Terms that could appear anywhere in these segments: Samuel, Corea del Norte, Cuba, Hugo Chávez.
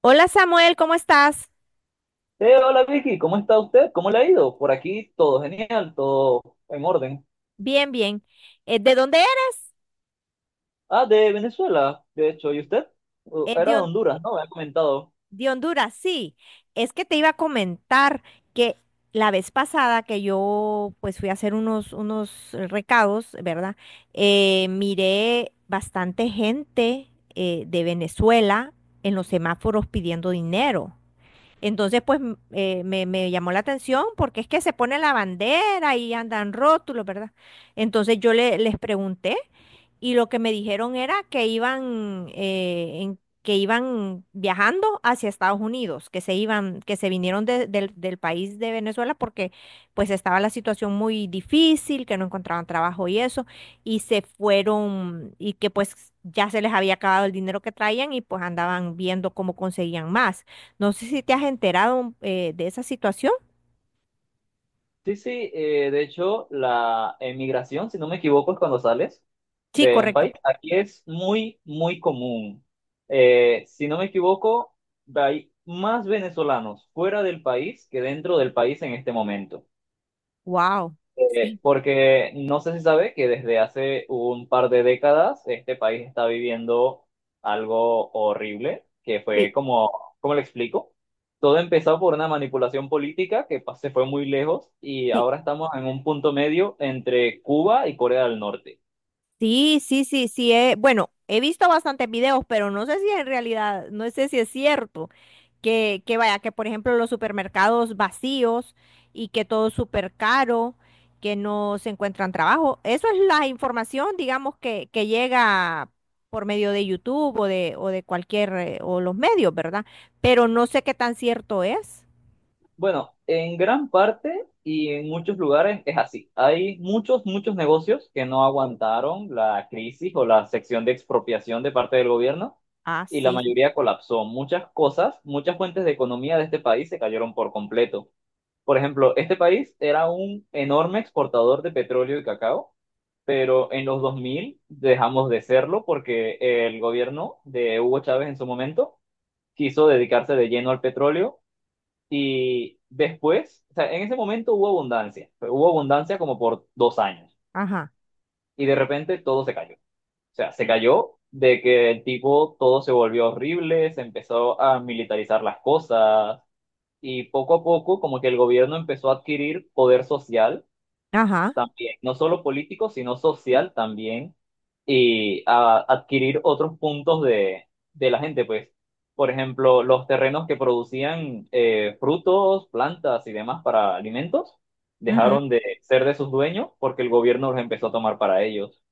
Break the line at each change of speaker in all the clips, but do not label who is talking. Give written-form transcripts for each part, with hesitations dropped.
Hola Samuel, ¿cómo estás?
Hola Vicky, ¿cómo está usted? ¿Cómo le ha ido? Por aquí todo genial, todo en orden.
Bien, bien. ¿De dónde
Ah, de Venezuela, de hecho, ¿y usted?
eres?
Era de Honduras, ¿no? Me ha comentado.
De Honduras, sí. Es que te iba a comentar que la vez pasada que yo pues fui a hacer unos recados, ¿verdad? Miré bastante gente de Venezuela en los semáforos pidiendo dinero. Entonces, pues me llamó la atención porque es que se pone la bandera y andan rótulos, ¿verdad? Entonces yo les pregunté. Y lo que me dijeron era que que iban viajando hacia Estados Unidos, que se iban, que se vinieron del del país de Venezuela porque pues estaba la situación muy difícil, que no encontraban trabajo y eso, y se fueron y que pues ya se les había acabado el dinero que traían y pues andaban viendo cómo conseguían más. No sé si te has enterado de esa situación.
Sí, sí, de hecho, la emigración, si no me equivoco, es cuando sales
Sí,
de un
correcto.
país. Aquí es muy, muy común. Si no me equivoco, hay más venezolanos fuera del país que dentro del país en este momento.
Wow. Sí,
Porque no sé si sabe que desde hace un par de décadas este país está viviendo algo horrible, que
sí,
fue como, ¿cómo le explico? Todo empezó por una manipulación política que se fue muy lejos y
sí.
ahora estamos en un punto medio entre Cuba y Corea del Norte.
Sí, sí, sí, sí. Bueno, he visto bastantes videos, pero no sé si en realidad, no sé si es cierto que vaya, que por ejemplo los supermercados vacíos y que todo es súper caro, que no se encuentran trabajo. Eso es la información, digamos, que llega por medio de YouTube o de cualquier, o los medios, ¿verdad? Pero no sé qué tan cierto es.
Bueno, en gran parte y en muchos lugares es así. Hay muchos, muchos negocios que no aguantaron la crisis o la sección de expropiación de parte del gobierno
Ah,
y la
sí.
mayoría colapsó. Muchas cosas, muchas fuentes de economía de este país se cayeron por completo. Por ejemplo, este país era un enorme exportador de petróleo y cacao, pero en los 2000 dejamos de serlo porque el gobierno de Hugo Chávez en su momento quiso dedicarse de lleno al petróleo y después, o sea, en ese momento hubo abundancia, pero hubo abundancia como por 2 años.
Ajá.
Y de repente todo se cayó. O sea, se
Y-
cayó de que el tipo todo se volvió horrible, se empezó a militarizar las cosas y poco a poco como que el gobierno empezó a adquirir poder social
Ajá.
también, no solo político, sino social también, y a adquirir otros puntos de la gente, pues, por ejemplo, los terrenos que producían frutos, plantas y demás para alimentos, dejaron de ser de sus dueños porque el gobierno los empezó a tomar para ellos.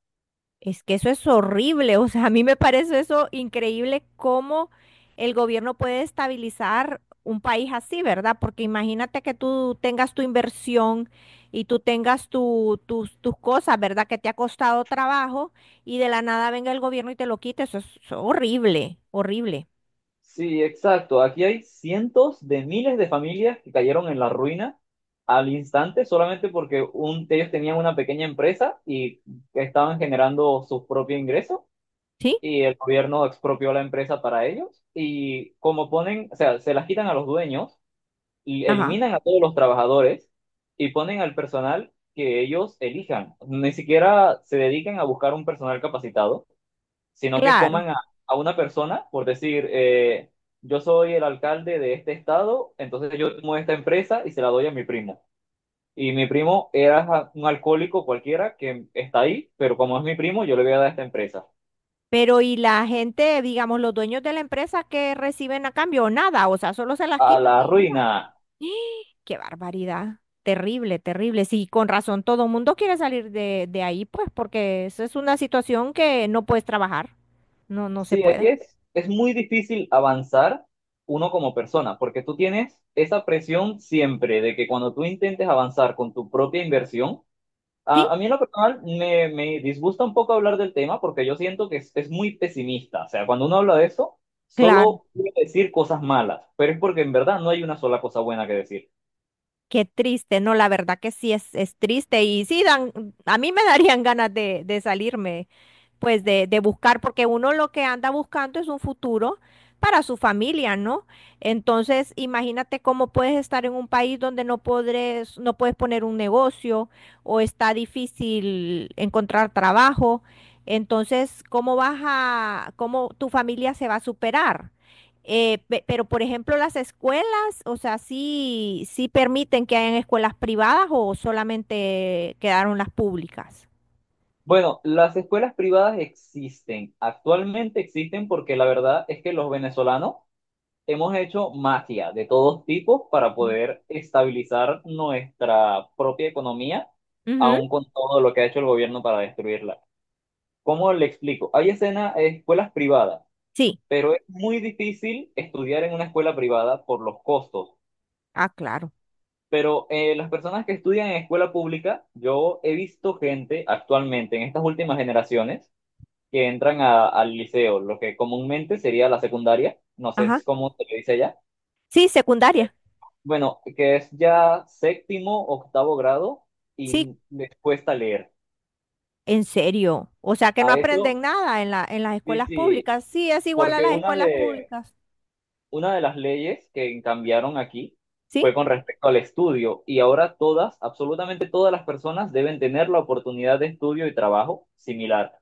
Es que eso es horrible, o sea, a mí me parece eso increíble cómo el gobierno puede estabilizar un país así, ¿verdad? Porque imagínate que tú tengas tu inversión y tú tengas tus cosas, ¿verdad? Que te ha costado trabajo y de la nada venga el gobierno y te lo quite, eso es horrible, horrible,
Sí, exacto. Aquí hay cientos de miles de familias que cayeron en la ruina al instante solamente porque ellos tenían una pequeña empresa y estaban generando sus propios ingresos
¿sí?
y el gobierno expropió la empresa para ellos y como ponen, o sea, se las quitan a los dueños y
Ajá,
eliminan a todos los trabajadores y ponen al personal que ellos elijan. Ni siquiera se dedican a buscar un personal capacitado, sino que
claro.
toman a una persona por decir, yo soy el alcalde de este estado, entonces yo tomo esta empresa y se la doy a mi primo. Y mi primo era un alcohólico cualquiera que está ahí, pero como es mi primo, yo le voy a dar esta empresa.
Pero y la gente, digamos, los dueños de la empresa que reciben a cambio, nada, o sea, solo se las
A
quitan
la
y ya.
ruina.
Qué barbaridad. Terrible, terrible. Sí, con razón todo el mundo quiere salir de ahí, pues, porque esa es una situación que no puedes trabajar. No, no se
Sí, aquí
puede.
es muy difícil avanzar uno como persona, porque tú tienes esa presión siempre de que cuando tú intentes avanzar con tu propia inversión,
Sí,
a mí en lo personal me disgusta un poco hablar del tema porque yo siento que es muy pesimista. O sea, cuando uno habla de eso,
claro.
solo puede decir cosas malas, pero es porque en verdad no hay una sola cosa buena que decir.
Qué triste. No, la verdad que sí es triste. Y sí, dan, a mí me darían ganas de salirme. Pues de buscar, porque uno lo que anda buscando es un futuro para su familia, ¿no? Entonces, imagínate cómo puedes estar en un país donde no podres, no puedes poner un negocio o está difícil encontrar trabajo. Entonces, ¿cómo vas a, cómo tu familia se va a superar? Pero, por ejemplo, las escuelas, o sea, sí, sí permiten que hayan escuelas privadas o solamente quedaron las públicas.
Bueno, las escuelas privadas existen, actualmente existen porque la verdad es que los venezolanos hemos hecho magia de todos tipos para poder estabilizar nuestra propia economía,
Ujú.
aun con todo lo que ha hecho el gobierno para destruirla. ¿Cómo le explico? Hay escuelas privadas,
Sí.
pero es muy difícil estudiar en una escuela privada por los costos.
Ah, claro.
Pero las personas que estudian en escuela pública, yo he visto gente actualmente en estas últimas generaciones que entran al liceo, lo que comúnmente sería la secundaria, no sé
Ajá.
cómo se le dice allá.
Sí, secundaria.
Bueno, que es ya séptimo, octavo grado
Sí,
y les cuesta leer.
en serio. O sea que no
A eso,
aprenden nada en en las
sí,
escuelas
sí,
públicas. Sí, es igual a
porque
las
una
escuelas
de,
públicas.
una de las leyes que cambiaron aquí
Sí,
fue con respecto al estudio y ahora todas, absolutamente todas las personas deben tener la oportunidad de estudio y trabajo similar.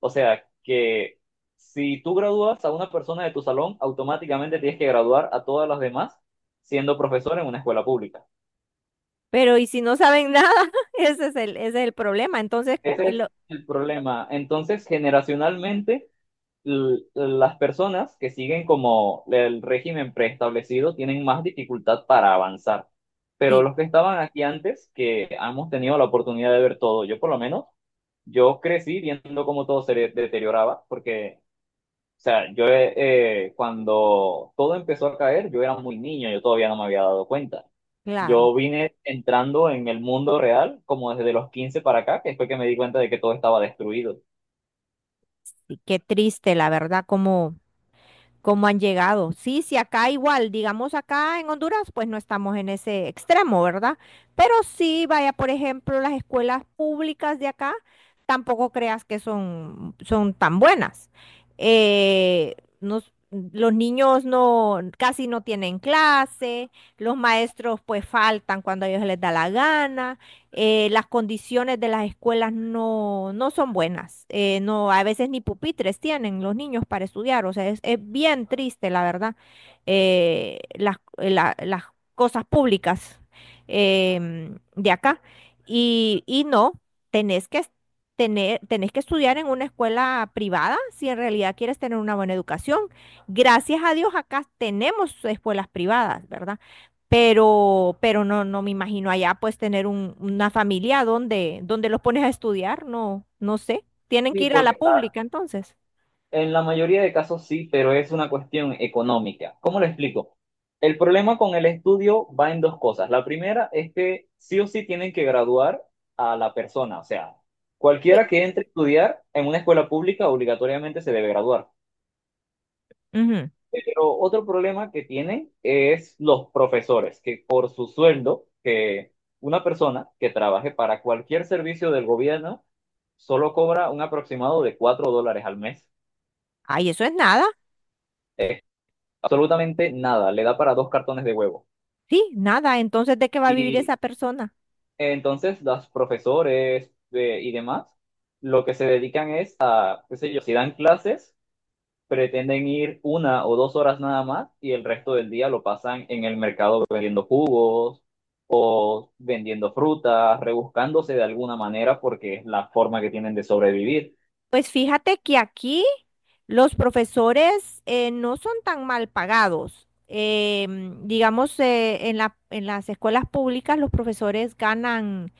O sea, que si tú gradúas a una persona de tu salón, automáticamente tienes que graduar a todas las demás siendo profesor en una escuela pública.
pero ¿y si no saben nada? Ese es ese es el problema.
Ese es el problema. Entonces, generacionalmente, las personas que siguen como el régimen preestablecido tienen más dificultad para avanzar. Pero
Sí,
los que estaban aquí antes, que hemos tenido la oportunidad de ver todo, yo por lo menos, yo crecí viendo cómo todo se deterioraba, porque o sea, yo cuando todo empezó a caer, yo era muy niño, yo todavía no me había dado cuenta.
claro.
Yo vine entrando en el mundo real como desde los 15 para acá, que fue que me di cuenta de que todo estaba destruido.
Sí, qué triste, la verdad, como... cómo han llegado. Sí, sí, acá igual, digamos acá en Honduras, pues no estamos en ese extremo, ¿verdad? Pero sí, vaya, por ejemplo, las escuelas públicas de acá, tampoco creas que son, son tan buenas. Eh, nos- los niños no, casi no tienen clase, los maestros pues faltan cuando a ellos les da la gana, las condiciones de las escuelas no, no son buenas. Eh, no, a veces ni pupitres tienen los niños para estudiar. O sea, es bien triste, la verdad, las cosas públicas de acá. Y no, tenés que, es- tenés que estudiar en una escuela privada si en realidad quieres tener una buena educación. Gracias a Dios acá tenemos escuelas privadas, ¿verdad? Pero no, no me imagino allá pues tener una familia donde, donde los pones a estudiar, no, no sé. Tienen que
Sí,
ir a la
porque ah,
pública entonces.
en la mayoría de casos sí, pero es una cuestión económica. ¿Cómo lo explico? El problema con el estudio va en dos cosas. La primera es que sí o sí tienen que graduar a la persona, o sea, cualquiera
Sí.
que entre a estudiar en una escuela pública obligatoriamente se debe graduar.
Ujú.
Pero otro problema que tiene es los profesores, que por su sueldo, que una persona que trabaje para cualquier servicio del gobierno solo cobra un aproximado de 4 dólares al mes.
Ay, eso es nada,
Absolutamente nada, le da para dos cartones de huevo.
sí, nada. Entonces, ¿de qué va a vivir
Y
esa persona?
entonces los profesores y demás, lo que se dedican es a, qué sé yo, si dan clases, pretenden ir 1 o 2 horas nada más y el resto del día lo pasan en el mercado vendiendo jugos o vendiendo frutas, rebuscándose de alguna manera porque es la forma que tienen de sobrevivir.
Sí. De que aquí los profesores no son tan mal pagados. Em, digamos, en las escuelas públicas los profesores ganan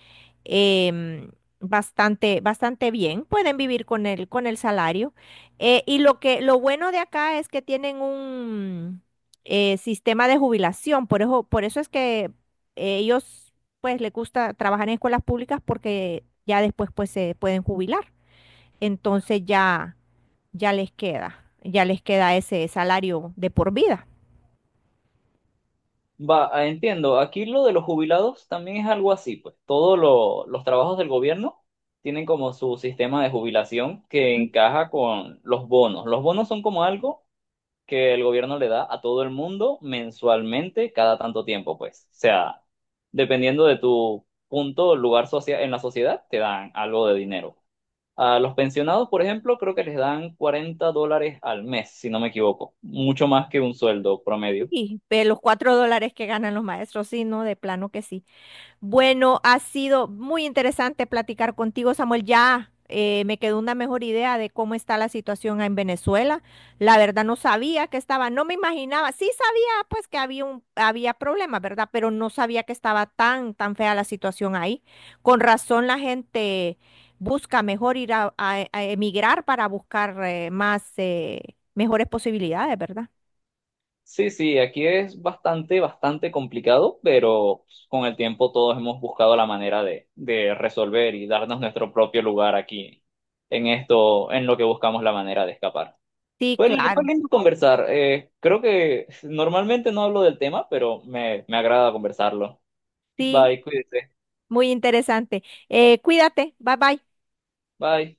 em, bastante, bastante bien, pueden vivir con con el salario. Y lo que, lo bueno de acá es que tienen un sistema de jubilación, por eso es que ellos pues les gusta trabajar en escuelas públicas porque ya después pues se pueden jubilar. Entonces ya, ya les queda ese salario de por vida.
Va, ah, entiendo, aquí lo de los jubilados también es algo así, pues todos los trabajos del gobierno tienen como su sistema de jubilación que encaja con los bonos. Los bonos son como algo que el gobierno le da a todo el mundo mensualmente cada tanto tiempo, pues. O sea, dependiendo de tu punto, lugar socia- en la sociedad, te dan algo de dinero. A los pensionados, por ejemplo, creo que les dan 40 dólares al mes, si no me equivoco, mucho más que un sueldo promedio.
Y de los $4 que ganan los maestros, sí, no, de plano que sí. Bueno, ha sido muy interesante platicar contigo, Samuel. Ya me quedó una mejor idea de cómo está la situación en Venezuela. La verdad no sabía que estaba, no me imaginaba, sí sabía pues que había problemas, ¿verdad? Pero no sabía que estaba tan, tan fea la situación ahí. Con razón la gente busca mejor ir a, a emigrar para buscar mejores posibilidades, ¿verdad?
Sí, sí, aquí es bastante, bastante complicado, pero pues, con el tiempo todos hemos buscado la manera de resolver y darnos nuestro propio lugar aquí en esto, en lo que buscamos la manera de escapar.
Sí,
Fue, fue
claro.
lindo conversar. Creo que normalmente no hablo del tema, pero me agrada conversarlo.
Sí,
Bye, cuídese.
muy interesante. Cuídate, bye bye.
Bye.